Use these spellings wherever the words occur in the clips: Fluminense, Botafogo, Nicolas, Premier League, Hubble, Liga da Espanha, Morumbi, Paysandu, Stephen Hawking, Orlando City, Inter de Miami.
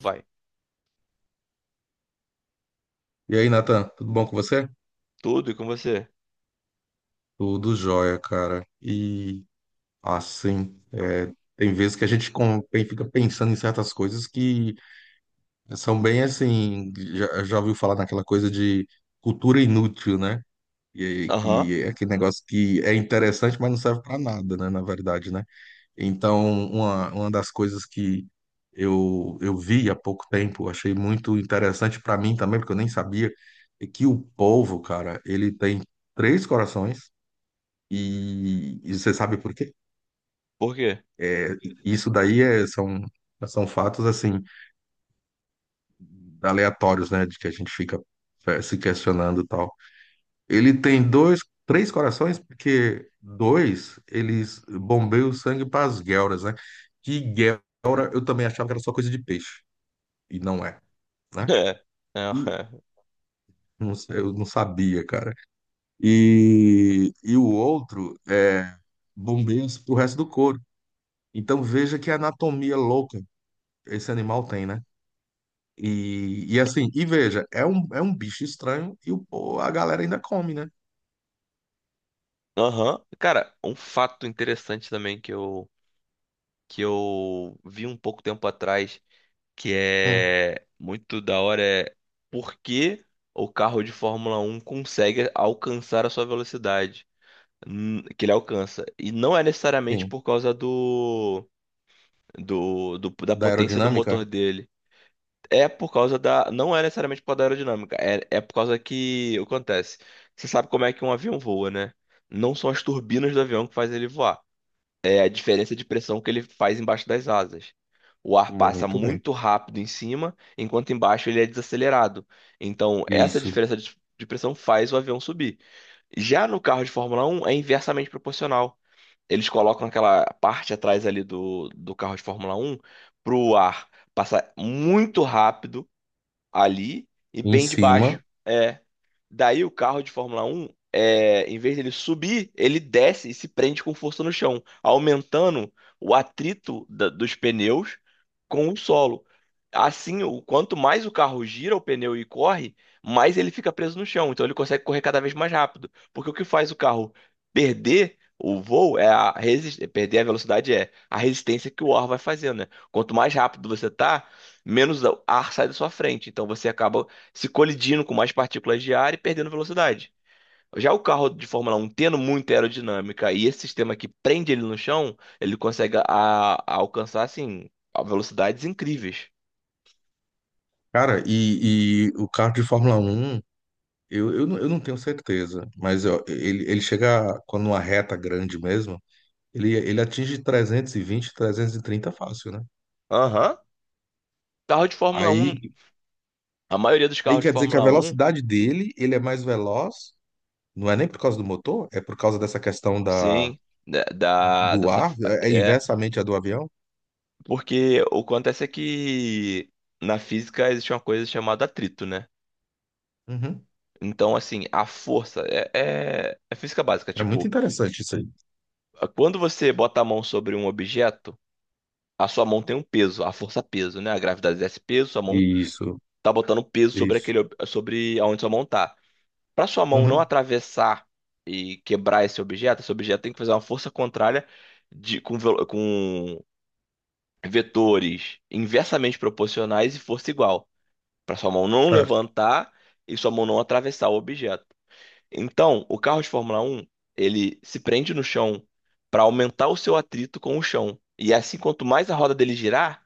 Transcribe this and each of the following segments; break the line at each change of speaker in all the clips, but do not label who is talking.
Vai.
E aí, Nathan, tudo bom com você?
Tudo e com você?
Tudo jóia, cara. E assim, tem vezes que a gente fica pensando em certas coisas que são bem assim. Já ouviu falar naquela coisa de cultura inútil, né? E aí,
Aham.
que é aquele negócio que é interessante, mas não serve para nada, né? Na verdade, né? Então, uma das coisas que eu vi há pouco tempo, achei muito interessante para mim também, porque eu nem sabia, é que o povo, cara, ele tem três corações. E você sabe por quê?
Por quê?
É, isso daí são fatos assim aleatórios, né? De que a gente fica se questionando e tal. Ele tem dois, três corações, porque dois eles bombeiam o sangue para as guelras, né? Que guelra eu também achava que era só coisa de peixe, e não é, né?
É. É,
E
é.
não sei, eu não sabia, cara. E o outro é bombeia pro resto do corpo. Então veja que anatomia louca esse animal tem, né? E assim, e veja, é um bicho estranho e a galera ainda come, né?
Aham. Cara, um fato interessante também que eu vi um pouco tempo atrás, que
Hum,
é muito da hora, é por que o carro de Fórmula um consegue alcançar a sua velocidade que ele alcança. E não é necessariamente
sim.
por causa da
Da
potência do motor
aerodinâmica?
dele. É por causa da. Não é necessariamente por causa da aerodinâmica. É por causa que. O que acontece? Você sabe como é que um avião voa, né? Não são as turbinas do avião que fazem ele voar. É a diferença de pressão que ele faz embaixo das asas. O ar passa
Muito bem.
muito rápido em cima, enquanto embaixo ele é desacelerado. Então, essa
Isso.
diferença de pressão faz o avião subir. Já no carro de Fórmula Um é inversamente proporcional. Eles colocam aquela parte atrás ali do carro de Fórmula Um para o ar passar muito rápido ali e
Em
bem de
cima.
baixo. É. Daí o carro de Fórmula um é, em vez dele subir, ele desce e se prende com força no chão, aumentando o atrito dos pneus com o solo. Assim, o quanto mais o carro gira o pneu e corre, mais ele fica preso no chão. Então ele consegue correr cada vez mais rápido. Porque o que faz o carro perder o voo é a resistência, perder a velocidade é a resistência que o ar vai fazendo, né? Quanto mais rápido você tá, menos ar sai da sua frente. Então você acaba se colidindo com mais partículas de ar e perdendo velocidade. Já o carro de Fórmula Um tendo muita aerodinâmica e esse sistema que prende ele no chão, ele consegue a alcançar assim a velocidades incríveis.
Cara, e o carro de Fórmula 1, eu não tenho certeza, mas ó, ele chega, quando uma reta grande mesmo, ele atinge 300, 320, 330 fácil, né?
Aham. Carro de Fórmula Um?
Aí,
A maioria dos
aí
carros de
quer dizer que a
Fórmula Um,
velocidade dele, ele é mais veloz, não é nem por causa do motor, é por causa dessa questão da.
sim,
Do
dessa
ar? É é
é,
inversamente a do avião?
porque o que acontece é que na física existe uma coisa chamada atrito, né?
Uhum.
Então, assim, a força é física básica.
É muito
Tipo,
interessante isso aí.
quando você bota a mão sobre um objeto, a sua mão tem um peso, a força peso, né? A gravidade exerce peso, sua mão
Isso,
tá botando peso sobre
isso.
sobre aonde sua mão tá. Para sua mão não
Uhum.
atravessar e quebrar esse objeto tem que fazer uma força contrária com vetores inversamente proporcionais e força igual, para sua mão não
Certo.
levantar e sua mão não atravessar o objeto. Então, o carro de Fórmula um ele se prende no chão para aumentar o seu atrito com o chão. E é assim, quanto mais a roda dele girar,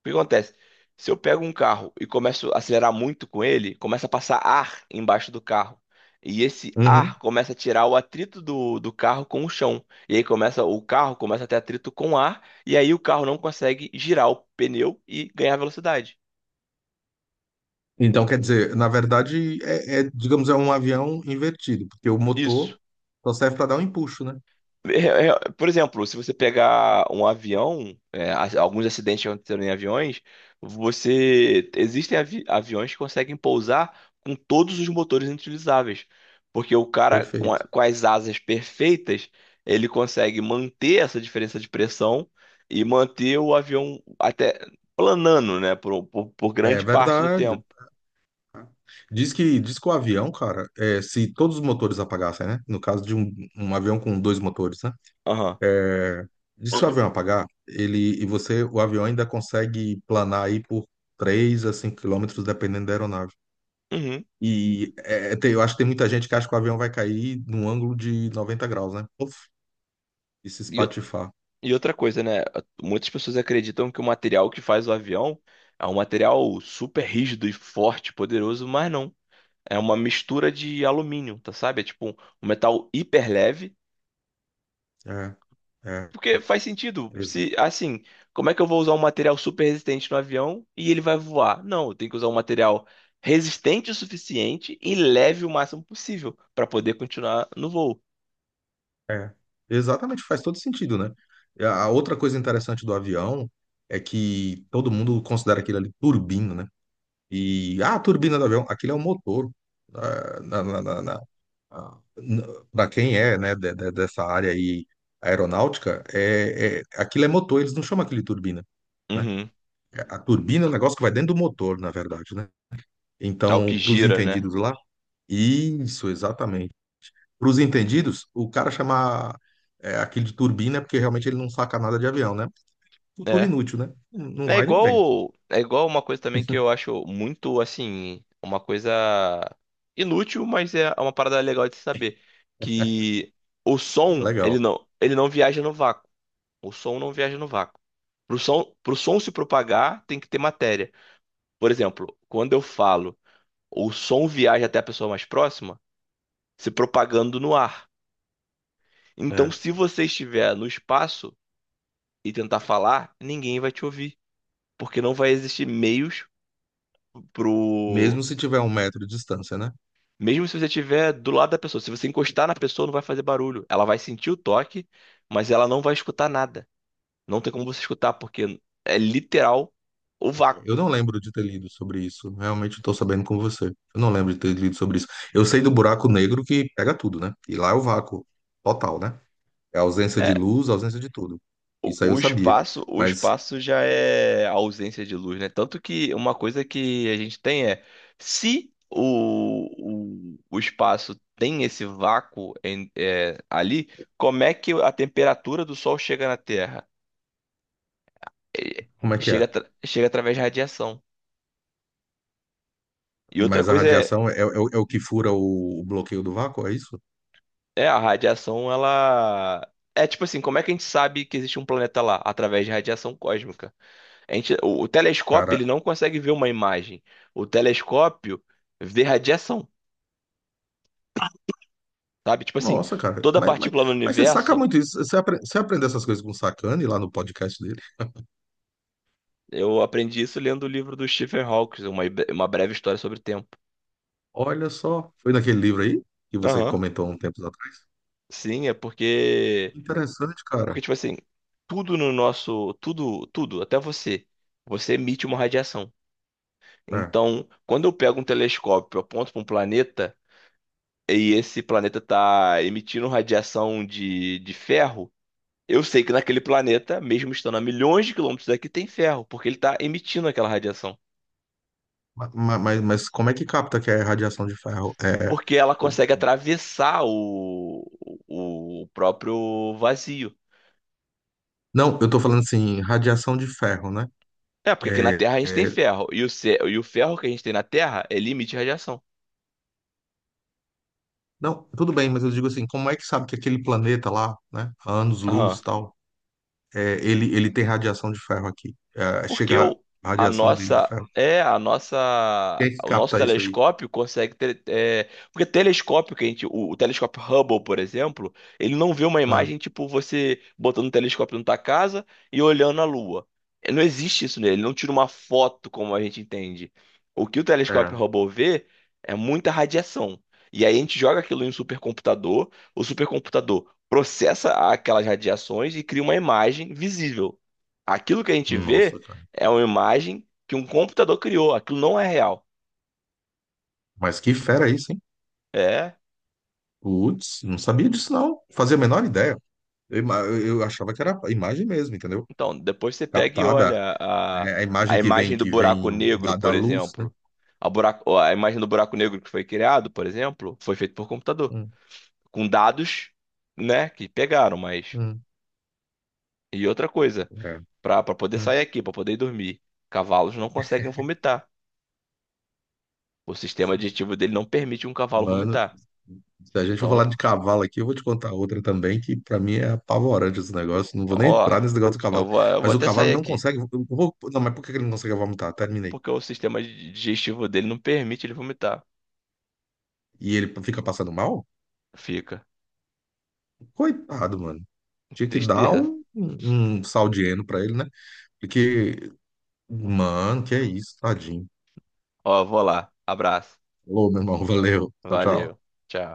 o que acontece? Se eu pego um carro e começo a acelerar muito com ele, começa a passar ar embaixo do carro. E esse
Uhum.
ar começa a tirar o atrito do carro com o chão. E aí começa, o carro começa a ter atrito com o ar, e aí o carro não consegue girar o pneu e ganhar velocidade.
Então, quer dizer, na verdade, digamos, é um avião invertido, porque o motor
Isso.
só serve para dar um empuxo, né?
É, Por exemplo, se você pegar um avião, é, alguns acidentes que aconteceram em aviões, você aviões que conseguem pousar com todos os motores inutilizáveis, porque o cara
Perfeito.
com as asas perfeitas, ele consegue manter essa diferença de pressão e manter o avião até planando, né, por
É
grande parte do
verdade.
tempo.
Diz que o avião, cara, é, se todos os motores apagassem, né? No caso de um avião com dois motores, né?
Aham.
É, diz que se o avião apagar, ele e você, o avião ainda consegue planar aí por 3 a 5 quilômetros, dependendo da aeronave.
Uhum.
E eu acho que tem muita gente que acha que o avião vai cair num ângulo de 90 graus, né? Uf, e se
E eu
espatifar.
E outra coisa, né? Muitas pessoas acreditam que o material que faz o avião é um material super rígido e forte, poderoso, mas não. É uma mistura de alumínio, tá sabe? É tipo um metal hiper leve.
É, é,
Porque faz sentido.
exa-
Se, assim, como é que eu vou usar um material super resistente no avião e ele vai voar? Não, eu tenho que usar um material resistente o suficiente e leve o máximo possível para poder continuar no voo.
é. Exatamente, faz todo sentido, né? E a outra coisa interessante do avião é que todo mundo considera aquilo ali turbina, né? E ah, a turbina do avião, aquilo é o motor. Ah, Na, na, na, na- ah, na- pra quem é, né, dessa área aí aeronáutica, aquilo é motor, eles não chamam aquilo de turbina, né?
Uhum.
A turbina é um negócio que vai dentro do motor, na verdade, né?
É o que
Então, para os
gira, né?
entendidos lá, isso, exatamente. Para os entendidos, o cara chamar aquilo de turbina é porque realmente ele não saca nada de avião, né? Cultura
É.
inútil, né? Não
É
vai nem vem.
igual, é igual uma coisa também que eu acho muito, assim, uma coisa inútil, mas é uma parada legal de se saber, que o
É
som,
legal.
ele não viaja no vácuo. O som não viaja no vácuo. Pro som se propagar, tem que ter matéria. Por exemplo, quando eu falo, o som viaja até a pessoa mais próxima, se propagando no ar. Então,
É.
se você estiver no espaço e tentar falar, ninguém vai te ouvir, porque não vai existir meios pro.
Mesmo se tiver 1 metro de distância, né?
Mesmo se você estiver do lado da pessoa, se você encostar na pessoa, não vai fazer barulho. Ela vai sentir o toque, mas ela não vai escutar nada. Não tem como você escutar, porque é literal o vácuo.
Eu não lembro de ter lido sobre isso. Realmente estou sabendo com você. Eu não lembro de ter lido sobre isso. Eu sei do buraco negro que pega tudo, né? E lá é o vácuo total, né? É a ausência de
É,
luz, a ausência de tudo. Isso aí
o,
eu
o
sabia.
espaço, o
Mas
espaço já é a ausência de luz, né? Tanto que uma coisa que a gente tem é se o espaço tem esse vácuo ali, como é que a temperatura do Sol chega na Terra? É,
como é que
chega,
é?
chega através de radiação. E outra
Mas a
coisa é.
radiação é o que fura o bloqueio do vácuo, é isso?
É, a radiação, ela. É tipo assim, como é que a gente sabe que existe um planeta lá? Através de radiação cósmica. A gente... O telescópio,
Cara,
ele não consegue ver uma imagem. O telescópio vê radiação, sabe? Tipo assim,
nossa, cara.
toda
Mas, mas,
partícula no
mas você saca
universo,
muito isso. Você aprendeu essas coisas com o Sacani lá no podcast dele?
eu aprendi isso lendo o livro do Stephen Hawking, uma breve história sobre o tempo.
Olha só. Foi naquele livro aí que você
Aham.
comentou um tempo atrás?
Sim, é porque.
Interessante, cara.
Porque, tipo assim, tudo no nosso. Tudo, tudo, até você. Você emite uma radiação.
É.
Então, quando eu pego um telescópio, aponto para um planeta e esse planeta está emitindo radiação de ferro, eu sei que naquele planeta, mesmo estando a milhões de quilômetros daqui, tem ferro, porque ele está emitindo aquela radiação.
Mas como é que capta que é radiação de ferro? É,
Porque ela
o-
consegue atravessar o próprio vazio.
não, eu tô falando assim, radiação de ferro, né?
É, porque aqui na
É,
Terra a gente tem
é,
ferro, e e o ferro que a gente tem na Terra, ele emite radiação.
não, tudo bem, mas eu digo assim, como é que sabe que aquele planeta lá, né, a anos-luz e tal, é, ele tem radiação de ferro aqui. É,
Porque
chega
o,
a
a
radiação dele de
nossa
ferro.
é a nossa.
Quem é que
O nosso
capta isso aí?
telescópio consegue ter, é, porque telescópio que a gente o telescópio Hubble, por exemplo, ele não vê uma
Ah,
imagem tipo você botando um telescópio na tua casa e olhando a Lua. É, não existe isso nele, ele não tira uma foto como a gente entende. O que o telescópio
é.
Hubble vê é muita radiação. E aí a gente joga aquilo em um supercomputador, o supercomputador processa aquelas radiações e cria uma imagem visível. Aquilo que a gente
Nossa,
vê
cara.
é uma imagem que um computador criou. Aquilo não é real.
Mas que fera isso, hein?
É.
Putz, não sabia disso, não. Fazia a menor ideia. Eu achava que era a imagem mesmo, entendeu?
Então, depois você pega e
Captada, né? A imagem
a
que vem,
imagem do
que vem
buraco negro,
da
por
luz, né?
exemplo. A imagem do buraco negro que foi criado, por exemplo, foi feito por computador.
Hum,
Com dados, né, que pegaram, mas.
hum,
E outra coisa,
é,
para poder sair
hum.
aqui, para poder ir dormir, cavalos não conseguem vomitar. O sistema digestivo dele não permite um cavalo
Mano,
vomitar.
se a gente for falar
Então,
de cavalo aqui, eu vou te contar outra também, que pra mim é apavorante esse negócio. Não vou nem
ó,
entrar nesse negócio do cavalo.
eu vou
Mas o
até
cavalo
sair
não
aqui.
consegue. Não, mas por que que ele não consegue vomitar? Terminei.
Porque o sistema digestivo dele não permite ele vomitar.
E ele fica passando mal?
Fica.
Coitado, mano. Tinha que dar
Tristeza.
um sal de heno pra ele, né? Porque, mano, que é isso, tadinho.
Ó, vou lá. Abraço.
Falou, meu irmão. Valeu. Tchau, tchau.
Valeu. Tchau.